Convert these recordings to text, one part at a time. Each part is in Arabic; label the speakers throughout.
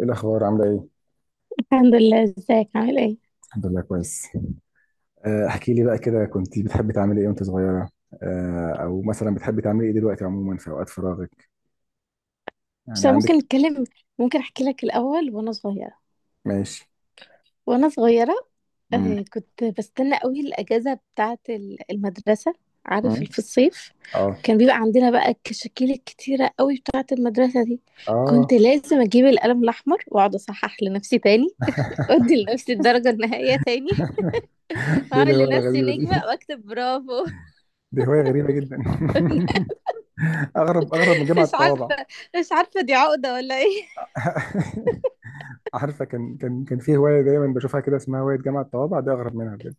Speaker 1: ايه الاخبار عامله ايه؟
Speaker 2: الحمد لله، ازيك عامل ايه؟
Speaker 1: الحمد لله كويس. احكي لي بقى كده، كنت بتحبي تعملي ايه وانت صغيره؟ او مثلا بتحبي تعملي ايه دلوقتي عموما في اوقات فراغك؟
Speaker 2: بس
Speaker 1: يعني
Speaker 2: أنا
Speaker 1: عندك
Speaker 2: ممكن نتكلم، ممكن احكي لك الاول وانا صغيره.
Speaker 1: ماشي.
Speaker 2: وانا صغيره
Speaker 1: امم
Speaker 2: كنت بستنى قوي الاجازه بتاعه المدرسه، عارف
Speaker 1: امم
Speaker 2: في الصيف.
Speaker 1: اه
Speaker 2: كان بيبقى عندنا بقى الكشاكيل الكتيره قوي بتاعه المدرسه دي.
Speaker 1: اه.
Speaker 2: كنت لازم اجيب القلم الاحمر واقعد اصحح لنفسي تاني، ادي لنفسي الدرجه النهائيه تاني،
Speaker 1: دي
Speaker 2: واعمل
Speaker 1: الهوايه
Speaker 2: لنفسي
Speaker 1: الغريبه
Speaker 2: نجمه
Speaker 1: دي؟
Speaker 2: واكتب برافو.
Speaker 1: دي هوايه غريبه جدا. اغرب من جامعه
Speaker 2: مش
Speaker 1: الطوابع.
Speaker 2: عارفه، مش عارفه دي عقده ولا ايه.
Speaker 1: عارفه، كان في هوايه دايما بشوفها كده اسمها هوايه جامعه الطوابع، دي اغرب منها بجد.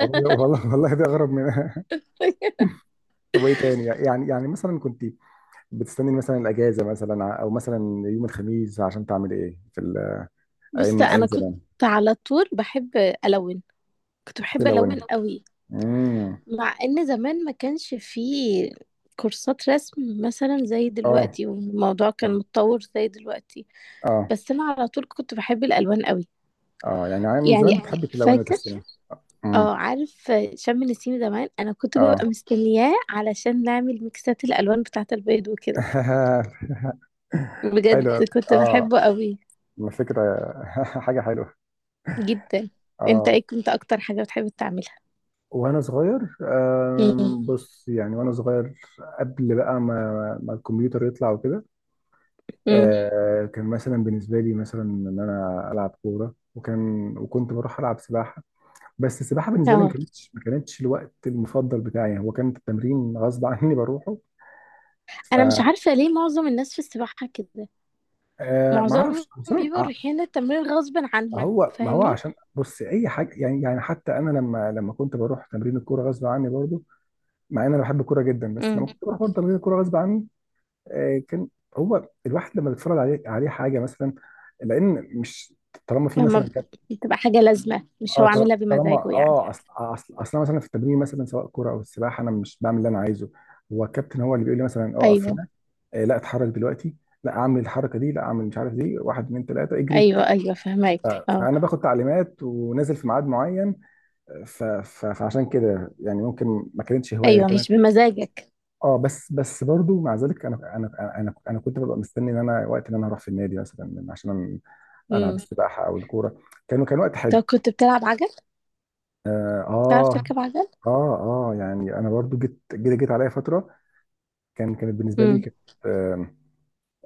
Speaker 1: والله دي اغرب منها. طب وايه تاني؟ يعني مثلا كنت بتستني مثلا الاجازه، مثلا او مثلا يوم الخميس عشان تعمل ايه في
Speaker 2: بص
Speaker 1: ايام، بص،
Speaker 2: انا
Speaker 1: ايام
Speaker 2: كنت
Speaker 1: زمان.
Speaker 2: على طول بحب الون، كنت
Speaker 1: بحب
Speaker 2: بحب
Speaker 1: تلون،
Speaker 2: الون
Speaker 1: بحب.
Speaker 2: قوي.
Speaker 1: امم
Speaker 2: مع ان زمان ما كانش فيه كورسات رسم مثلا زي
Speaker 1: اه
Speaker 2: دلوقتي والموضوع كان
Speaker 1: اه
Speaker 2: متطور زي دلوقتي.
Speaker 1: اه.
Speaker 2: بس انا على طول كنت بحب الالوان قوي.
Speaker 1: آه. يعني عام من
Speaker 2: يعني
Speaker 1: زمان يعني بتحب التلون، فاكر
Speaker 2: فاكر،
Speaker 1: وتستني. امم
Speaker 2: اه عارف شم النسيم زمان انا كنت ببقى
Speaker 1: اه.
Speaker 2: مستنياه علشان نعمل ميكسات الالوان بتاعه البيض وكده. بجد
Speaker 1: حلو أوي. فاكر
Speaker 2: كنت
Speaker 1: اه.
Speaker 2: بحبه قوي
Speaker 1: ما فكره، حاجه حلوه.
Speaker 2: جدا. انت
Speaker 1: اه،
Speaker 2: ايه كنت اكتر حاجه بتحب تعملها؟
Speaker 1: وانا صغير
Speaker 2: امم
Speaker 1: بص، يعني وانا صغير قبل بقى ما الكمبيوتر يطلع وكده.
Speaker 2: امم
Speaker 1: كان مثلا بالنسبه لي مثلا ان انا العب كوره، وكان وكنت بروح العب سباحه. بس السباحه بالنسبه لي ما
Speaker 2: اه
Speaker 1: كانتش ما كانتش الوقت المفضل بتاعي، هو كان التمرين غصب عني بروحه. ف
Speaker 2: انا مش عارفه ليه معظم الناس في السباحه كده،
Speaker 1: ما
Speaker 2: معظمهم
Speaker 1: اعرفش بس
Speaker 2: بيبقوا رايحين التمرين غصب عنهم،
Speaker 1: هو، ما هو
Speaker 2: فاهمني؟
Speaker 1: عشان بص اي حاجه، يعني يعني حتى انا لما كنت بروح تمرين الكوره غصب عني برضو. مع ان انا بحب الكوره جدا، بس لما
Speaker 2: امم.
Speaker 1: كنت بروح برضه تمرين الكوره غصب عني. كان هو الواحد لما بيتفرج عليه عليه حاجه مثلا، لان مش، طالما في
Speaker 2: لما
Speaker 1: مثلا،
Speaker 2: ب- بتبقى حاجه لازمه، مش هو عاملها
Speaker 1: طالما
Speaker 2: بمزاجه يعني.
Speaker 1: اه، اصل أنا مثلا في التمرين مثلا سواء كوره او السباحه، انا مش بعمل اللي انا عايزه. هو الكابتن هو اللي بيقول لي مثلا اقف
Speaker 2: ايوه،
Speaker 1: هنا، لا اتحرك دلوقتي، لا اعمل الحركه دي، لا اعمل مش عارف دي، واحد اتنين تلاته اجري.
Speaker 2: ايوه ايوه فهمك. اه
Speaker 1: فانا باخد تعليمات ونازل في ميعاد معين. ف ف فعشان كده يعني ممكن ما كانتش هوايه، هي
Speaker 2: ايوه مش
Speaker 1: كانت.
Speaker 2: بمزاجك.
Speaker 1: اه، بس بس برضو مع ذلك، انا كنت ببقى مستني ان انا وقت ان انا هروح في النادي مثلا عشان العب
Speaker 2: امم.
Speaker 1: السباحه او الكوره. كانوا كان وقت
Speaker 2: طب
Speaker 1: حلو.
Speaker 2: كنت بتلعب عجل؟
Speaker 1: اه.
Speaker 2: تعرف
Speaker 1: آه،
Speaker 2: تركب عجل؟
Speaker 1: اه اه، يعني انا برضو جيت عليا فتره، كانت بالنسبه لي
Speaker 2: امم
Speaker 1: كانت. آم،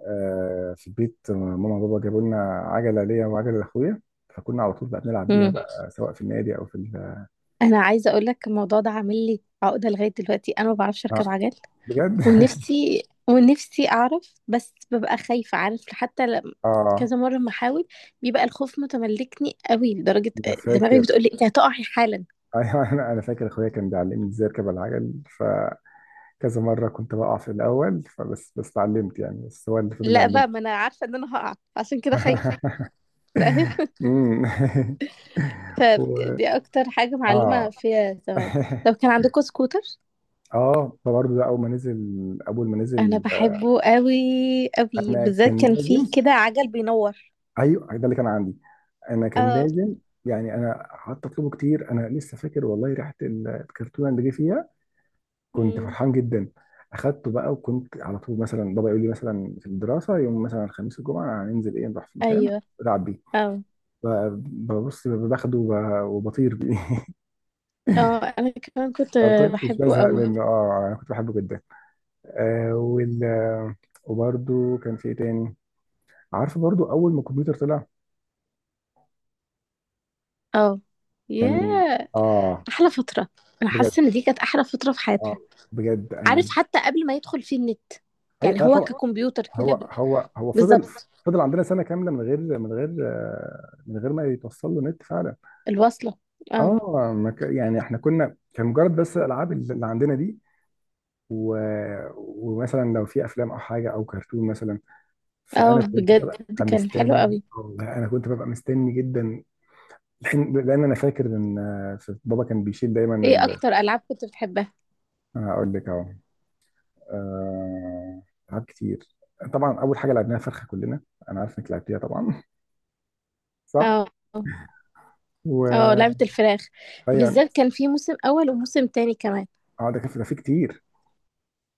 Speaker 1: في البيت ماما وبابا جابوا لنا عجله ليا وعجله لاخويا، فكنا على طول بقى بنلعب بيها
Speaker 2: امم.
Speaker 1: بقى سواء في النادي او في ال...
Speaker 2: انا عايزه اقول لك الموضوع ده عامل لي عقده لغايه دلوقتي، انا ما بعرفش اركب
Speaker 1: آه
Speaker 2: عجل.
Speaker 1: بجد؟
Speaker 2: ونفسي، ونفسي اعرف بس ببقى خايفة. عارف حتى لما
Speaker 1: اه
Speaker 2: كذا مرة ما احاول بيبقى الخوف متملكني قوي لدرجة
Speaker 1: انا
Speaker 2: دماغي
Speaker 1: فاكر.
Speaker 2: بتقولي انت هتقعي حالا.
Speaker 1: ايوه، انا فاكر اخويا كان بيعلمني ازاي اركب على العجل، فكذا مره كنت بقع في الاول، فبس اتعلمت يعني، بس هو اللي فضل
Speaker 2: لا بقى
Speaker 1: يعلمني.
Speaker 2: ما انا عارفة ان انا هقع عشان كده خايفة. فاهم؟
Speaker 1: أمم. و...
Speaker 2: فدي اكتر حاجة معلمة
Speaker 1: اه.
Speaker 2: فيها زمان. لو كان عندكم سكوتر
Speaker 1: اه، فبرضه ده اول ما نزل، اول ما
Speaker 2: انا
Speaker 1: نزل
Speaker 2: بحبه قوي قوي،
Speaker 1: انا
Speaker 2: بالذات
Speaker 1: كان
Speaker 2: كان فيه
Speaker 1: لازم.
Speaker 2: كده عجل بينور.
Speaker 1: ايوه، ده اللي كان عندي. انا كان
Speaker 2: اه.
Speaker 1: لازم يعني، انا قعدت اطلبه كتير. انا لسه فاكر والله ريحه الكرتونه اللي جه فيها، كنت
Speaker 2: مم.
Speaker 1: فرحان جدا. اخدته بقى، وكنت على طول مثلا بابا يقول لي مثلا في الدراسه يوم مثلا الخميس والجمعه هننزل ايه، نروح في مكان
Speaker 2: ايوه
Speaker 1: العب بيه.
Speaker 2: اه
Speaker 1: ب- ببص باخده وبطير بيه.
Speaker 2: اه انا كمان كنت
Speaker 1: ما كنتش
Speaker 2: بحبه
Speaker 1: بزهق
Speaker 2: قوي.
Speaker 1: منه، اه انا كنت بحبه جدا. آه وال وبرده كان في ايه تاني؟ عارف برضو اول ما الكمبيوتر طلع،
Speaker 2: اه
Speaker 1: كان
Speaker 2: ياه،
Speaker 1: اه
Speaker 2: احلى فتره. انا
Speaker 1: بجد.
Speaker 2: حاسه ان دي كانت احلى فتره في
Speaker 1: اه
Speaker 2: حياتنا.
Speaker 1: بجد
Speaker 2: عارف
Speaker 1: انا،
Speaker 2: حتى قبل ما يدخل فيه النت،
Speaker 1: اي
Speaker 2: يعني
Speaker 1: آه
Speaker 2: هو
Speaker 1: طبعا.
Speaker 2: ككمبيوتر كده
Speaker 1: هو هو هو فضل،
Speaker 2: بالظبط
Speaker 1: فضل عندنا سنه كامله من غير من غير ما يتوصل له نت فعلا.
Speaker 2: الوصله. اه
Speaker 1: اه ما ك- يعني احنا كنا كان مجرد بس الالعاب اللي عندنا دي و... ومثلا لو في افلام او حاجه او كرتون مثلا،
Speaker 2: اه
Speaker 1: فانا كنت ببقى
Speaker 2: بجد كان حلو
Speaker 1: مستني.
Speaker 2: قوي.
Speaker 1: والله انا كنت ببقى مستني جدا، لأن انا فاكر ان بابا كان بيشيل دايما
Speaker 2: ايه
Speaker 1: ال...
Speaker 2: اكتر العاب كنت بتحبها؟
Speaker 1: اقول لك اهو. آه، ألعاب كتير. طبعا أول حاجة لعبناها فرخة كلنا، أنا عارف إنك لعبتيها طبعا. صح؟
Speaker 2: اه اه لعبه
Speaker 1: و
Speaker 2: الفراخ،
Speaker 1: أيوة.
Speaker 2: بالذات كان في موسم اول وموسم تاني كمان.
Speaker 1: أه ده كان في، ده في كتير.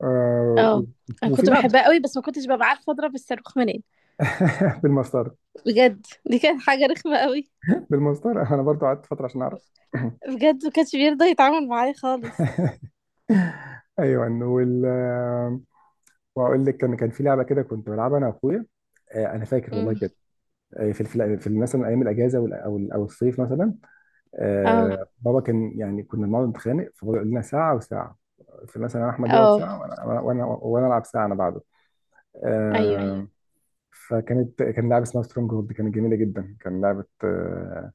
Speaker 1: آه،
Speaker 2: اه انا
Speaker 1: وفي
Speaker 2: كنت
Speaker 1: لعب.
Speaker 2: بحبها قوي بس ما كنتش ببقى عارفه اضرب الصاروخ منين.
Speaker 1: بالمسطرة،
Speaker 2: بجد دي كانت حاجه رخمه قوي،
Speaker 1: بالمسطرة. أنا برضو قعدت فترة عشان أعرف.
Speaker 2: بجد ما كانش بيرضى يتعامل معايا خالص.
Speaker 1: أيوة. وال آه، وأقول لك، كان في لعبة كده كنت بلعبها أنا وأخويا. أنا فاكر والله
Speaker 2: امم
Speaker 1: بجد. في مثلا أيام الأجازة أو الصيف مثلا،
Speaker 2: اه
Speaker 1: آه بابا كان يعني كنا بنقعد نتخانق، فبابا يقول لنا ساعه وساعه. فمثلا انا احمد يقعد
Speaker 2: اه
Speaker 1: ساعه، وانا وانا وانا وأنا العب ساعه انا بعده.
Speaker 2: ايوه.
Speaker 1: آه. فكانت كان لعبه اسمها سترونج هولد، كانت جميله جدا، كان لعبه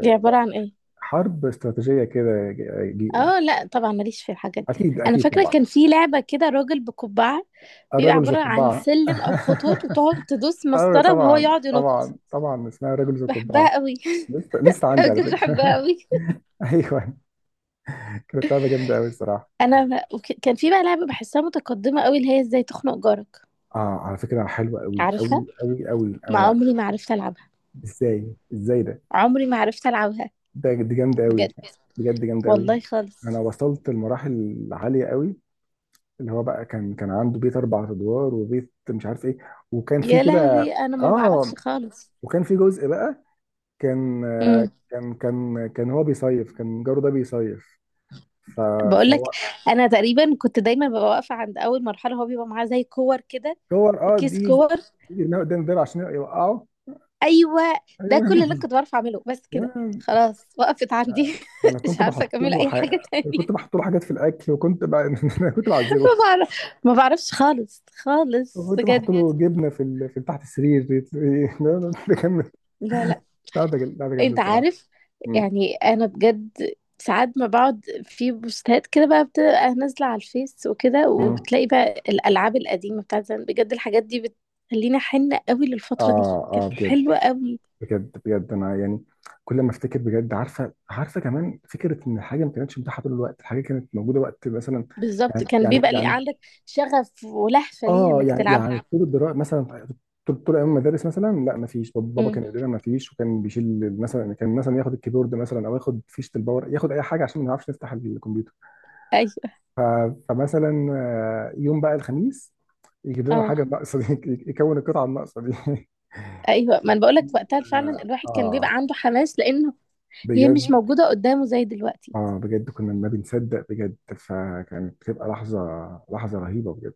Speaker 2: دي عباره عن ايه؟
Speaker 1: حرب استراتيجيه كده.
Speaker 2: اه لا طبعا ماليش في الحاجات دي.
Speaker 1: اكيد
Speaker 2: انا
Speaker 1: اكيد
Speaker 2: فاكره
Speaker 1: طبعا،
Speaker 2: كان في لعبه كده راجل بقبعه، بيبقى
Speaker 1: الرجل ذو
Speaker 2: عباره عن
Speaker 1: القبعه.
Speaker 2: سلم او خطوط وتقعد تدوس
Speaker 1: ايوه
Speaker 2: مسطره وهو
Speaker 1: طبعا
Speaker 2: يقعد ينط.
Speaker 1: طبعا طبعا اسمها الرجل ذو القبعه.
Speaker 2: بحبها قوي.
Speaker 1: لسه لسه عندي على
Speaker 2: بجد بحبها
Speaker 1: فكره.
Speaker 2: قوي.
Speaker 1: ايوه، كانت لعبه جامده قوي الصراحه.
Speaker 2: كان في بقى لعبه بحسها متقدمه قوي، اللي هي ازاي تخنق جارك.
Speaker 1: اه على فكره حلوه قوي
Speaker 2: عارفها.
Speaker 1: قوي قوي قوي
Speaker 2: ما
Speaker 1: انا
Speaker 2: عمري ما عرفت العبها،
Speaker 1: ازاي؟ ازاي ده؟
Speaker 2: عمري ما عرفت العبها.
Speaker 1: ده دي جامده
Speaker 2: بجد
Speaker 1: قوي، بجد جامده قوي.
Speaker 2: والله
Speaker 1: انا
Speaker 2: خالص.
Speaker 1: وصلت لمراحل عاليه قوي، اللي هو بقى كان عنده بيت اربع ادوار، وبيت مش عارف ايه، وكان في
Speaker 2: يا
Speaker 1: كده
Speaker 2: لهوي انا ما
Speaker 1: اه.
Speaker 2: بعرفش خالص.
Speaker 1: وكان في جزء بقى، كان آه،
Speaker 2: امم.
Speaker 1: كان كان كان هو بيصيف، كان جاره ده بيصيف. ف-
Speaker 2: بقول لك،
Speaker 1: فهو،
Speaker 2: انا تقريبا كنت دايما ببقى واقفه عند اول مرحله، هو بيبقى معاه زي كور كده،
Speaker 1: صور اه
Speaker 2: كيس
Speaker 1: دي،
Speaker 2: كور.
Speaker 1: يرميها قدام الباب عشان يوقعه.
Speaker 2: ايوه. ده كل اللي أنا
Speaker 1: ايوه.
Speaker 2: كنت بعرف اعمله بس كده، خلاص وقفت عندي.
Speaker 1: لا، ده انا
Speaker 2: مش
Speaker 1: كنت
Speaker 2: عارفه
Speaker 1: بحط
Speaker 2: اكمل
Speaker 1: له
Speaker 2: اي
Speaker 1: حاجه،
Speaker 2: حاجه تاني.
Speaker 1: كنت بحط له حاجات في الاكل، وكنت ب... انا كنت
Speaker 2: ما
Speaker 1: بعذبه،
Speaker 2: بعرف، ما بعرفش خالص خالص
Speaker 1: وكنت بحط
Speaker 2: بجد.
Speaker 1: له بجد جبنه في ال... في تحت السرير. لا، لا، ده كان
Speaker 2: لا لا.
Speaker 1: قاعده، قاعده جامده
Speaker 2: انت
Speaker 1: الصراحه.
Speaker 2: عارف
Speaker 1: مم.
Speaker 2: يعني انا بجد ساعات ما بقعد في بوستات كده بقى بتبقى نازله على الفيس وكده
Speaker 1: مم.
Speaker 2: وبتلاقي بقى الالعاب القديمه بتاعت زمان، بجد الحاجات دي بتخليني حنه قوي
Speaker 1: اه
Speaker 2: للفتره دي، كانت
Speaker 1: اه بجد.
Speaker 2: حلوه قوي.
Speaker 1: بجد انا يعني، كل ما افتكر بجد. عارفه؟ عارفه كمان فكره ان الحاجه ما كانتش متاحه طول الوقت، الحاجه كانت موجوده وقت مثلا،
Speaker 2: بالظبط
Speaker 1: يعني
Speaker 2: كان
Speaker 1: يعني
Speaker 2: بيبقى اللي
Speaker 1: يعني
Speaker 2: عندك شغف ولهفه ليها
Speaker 1: اه،
Speaker 2: انك
Speaker 1: يعني
Speaker 2: تلعبها.
Speaker 1: يعني طول الدراسه مثلا، طول ايام المدارس مثلا لا ما فيش، بابا
Speaker 2: امم
Speaker 1: كان يقول لنا ما فيش، وكان بيشيل مثلا، كان مثلا ياخد الكيبورد مثلا، او ياخد فيشه الباور، ياخد اي حاجه عشان ما نعرفش نفتح الكمبيوتر.
Speaker 2: ايوه
Speaker 1: ف- فمثلا يوم بقى الخميس يجيب لنا
Speaker 2: اه.
Speaker 1: الحاجه الناقصه دي، يكون القطعه الناقصه دي.
Speaker 2: ايوه ما انا بقول لك وقتها فعلا
Speaker 1: اه.
Speaker 2: الواحد كان بيبقى عنده حماس لانه هي مش
Speaker 1: بجد.
Speaker 2: موجوده قدامه زي دلوقتي.
Speaker 1: اه بجد، كنا ما بنصدق بجد، فكانت بتبقى لحظه، لحظه رهيبه بجد.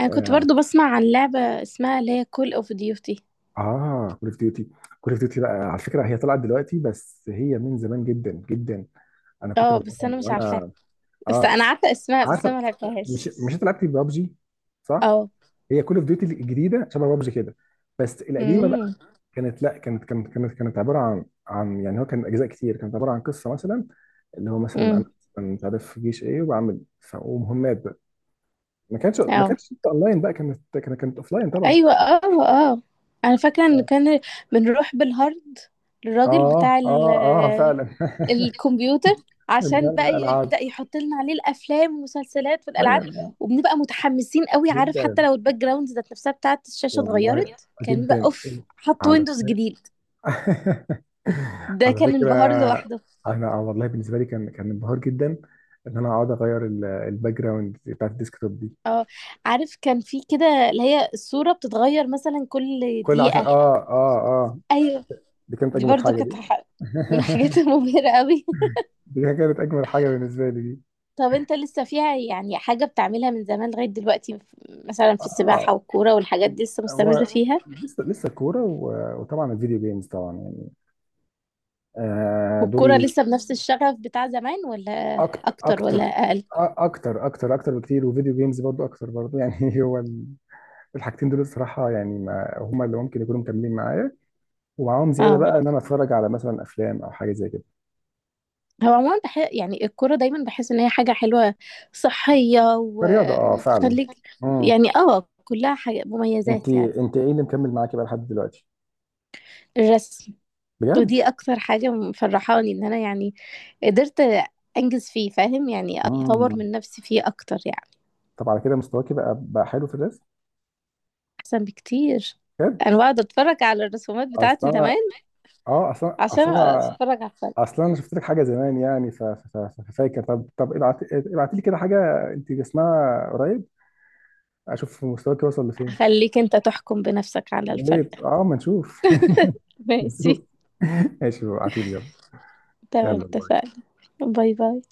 Speaker 2: انا كنت
Speaker 1: اه
Speaker 2: برضو بسمع عن لعبه اسمها اللي هي كول اوف ديوتي.
Speaker 1: اه، كول اوف ديوتي. كول اوف ديوتي بقى على فكره هي طلعت دلوقتي، بس هي من زمان جدا جدا. انا كنت
Speaker 2: اه بس
Speaker 1: بلعبها من
Speaker 2: انا مش عارفاها،
Speaker 1: وانا،
Speaker 2: بس
Speaker 1: اه
Speaker 2: انا عارفه اسمها بس
Speaker 1: عارفه.
Speaker 2: انا ما
Speaker 1: مش
Speaker 2: لعبتهاش.
Speaker 1: مش انت لعبتي ببجي؟ صح؟
Speaker 2: اه.
Speaker 1: هي كول اوف ديوتي الجديده شبه ببجي كده، بس القديمه
Speaker 2: امم.
Speaker 1: كانت، لا كانت كانت كانت كانت عباره عن يعني، هو كان اجزاء كتير، كانت عباره عن قصه مثلا، اللي هو مثلا
Speaker 2: امم
Speaker 1: انا مثلاً مش عارف في جيش ايه، وبعمل ومهمات بقى، ما كانتش ما
Speaker 2: اه
Speaker 1: كانتش اونلاين بقى، كانت اوفلاين طبعا.
Speaker 2: ايوه اه اه. انا فاكره ان كان بنروح بالهارد للراجل
Speaker 1: اه
Speaker 2: بتاع
Speaker 1: اه اه فعلا.
Speaker 2: الكمبيوتر
Speaker 1: من ده
Speaker 2: عشان بقى
Speaker 1: الالعاب.
Speaker 2: يبدأ يحط لنا عليه الافلام والمسلسلات والالعاب،
Speaker 1: ايوه
Speaker 2: وبنبقى متحمسين قوي. عارف حتى
Speaker 1: جدا
Speaker 2: لو الباك جراوند ذات نفسها بتاعت الشاشة
Speaker 1: والله،
Speaker 2: اتغيرت كان بيبقى
Speaker 1: جدا
Speaker 2: اوف، حط
Speaker 1: على
Speaker 2: ويندوز
Speaker 1: فكره،
Speaker 2: جديد ده
Speaker 1: على
Speaker 2: كان
Speaker 1: فكره.
Speaker 2: انبهار لوحده.
Speaker 1: انا والله بالنسبه لي كان انبهار جدا ان انا اقعد اغير الباك جراوند بتاعت الديسكتوب دي.
Speaker 2: اه عارف كان في كده اللي هي الصورة بتتغير مثلا كل
Speaker 1: كل عشان
Speaker 2: دقيقة. ايوه
Speaker 1: دي كانت
Speaker 2: دي
Speaker 1: اجمد
Speaker 2: برضو
Speaker 1: حاجه دي.
Speaker 2: من الحاجات المبهرة قوي.
Speaker 1: دي كانت اجمد حاجه بالنسبه لي دي.
Speaker 2: طب انت لسه فيها يعني حاجة بتعملها من زمان لغاية دلوقتي؟ مثلا في السباحة
Speaker 1: اه
Speaker 2: والكورة والحاجات دي لسه
Speaker 1: هو،
Speaker 2: مستمر فيها؟
Speaker 1: لسه لسه الكوره وطبعا الفيديو جيمز طبعا يعني، آه
Speaker 2: والكرة
Speaker 1: دول.
Speaker 2: لسه بنفس الشغف بتاع زمان ولا
Speaker 1: اكتر
Speaker 2: أكتر ولا
Speaker 1: اكتر.
Speaker 2: أقل؟
Speaker 1: اكتر بكتير، وفيديو جيمز برضو اكتر برضو يعني. هو الحاجتين دول الصراحه يعني ما هم اللي ممكن يكونوا مكملين معايا، ومعاهم زياده
Speaker 2: اه
Speaker 1: بقى ان انا اتفرج على مثلا افلام او حاجه زي كده.
Speaker 2: هو عموما يعني الكرة دايما بحس إن هي حاجة حلوة، صحية
Speaker 1: كرياضه اه فعلا.
Speaker 2: وبتخليك،
Speaker 1: امم.
Speaker 2: يعني اه كلها حاجة
Speaker 1: انت
Speaker 2: مميزات يعني.
Speaker 1: انت ايه اللي مكمل معاكي بقى لحد دلوقتي؟
Speaker 2: الرسم، ودي
Speaker 1: بجد؟
Speaker 2: أكتر حاجة مفرحاني إن أنا يعني قدرت أنجز فيه، فاهم يعني، أطور
Speaker 1: مم.
Speaker 2: من نفسي فيه أكتر يعني.
Speaker 1: طب على كده مستواكي بقى حلو في الرسم؟
Speaker 2: أحسن بكتير.
Speaker 1: بجد؟
Speaker 2: أنا بقعد أتفرج على الرسومات
Speaker 1: اصل
Speaker 2: بتاعتي
Speaker 1: انا،
Speaker 2: زمان
Speaker 1: اه اصل أنا-
Speaker 2: عشان
Speaker 1: اصل انا
Speaker 2: أتفرج على الفرق.
Speaker 1: اصل انا شفت لك حاجه زمان يعني، ف- ف- ف- ففاكر، طب ابعت، ابعت لي كده حاجه انت جسمها قريب، اشوف مستواك وصل لفين.
Speaker 2: هخليك أنت تحكم بنفسك على
Speaker 1: يا
Speaker 2: الفرق.
Speaker 1: ريت اه، ما نشوف. نشوف.
Speaker 2: ماشي.
Speaker 1: ماشي، ابعتي لي يلا.
Speaker 2: تمام
Speaker 1: يلا.
Speaker 2: اتفقنا. باي باي.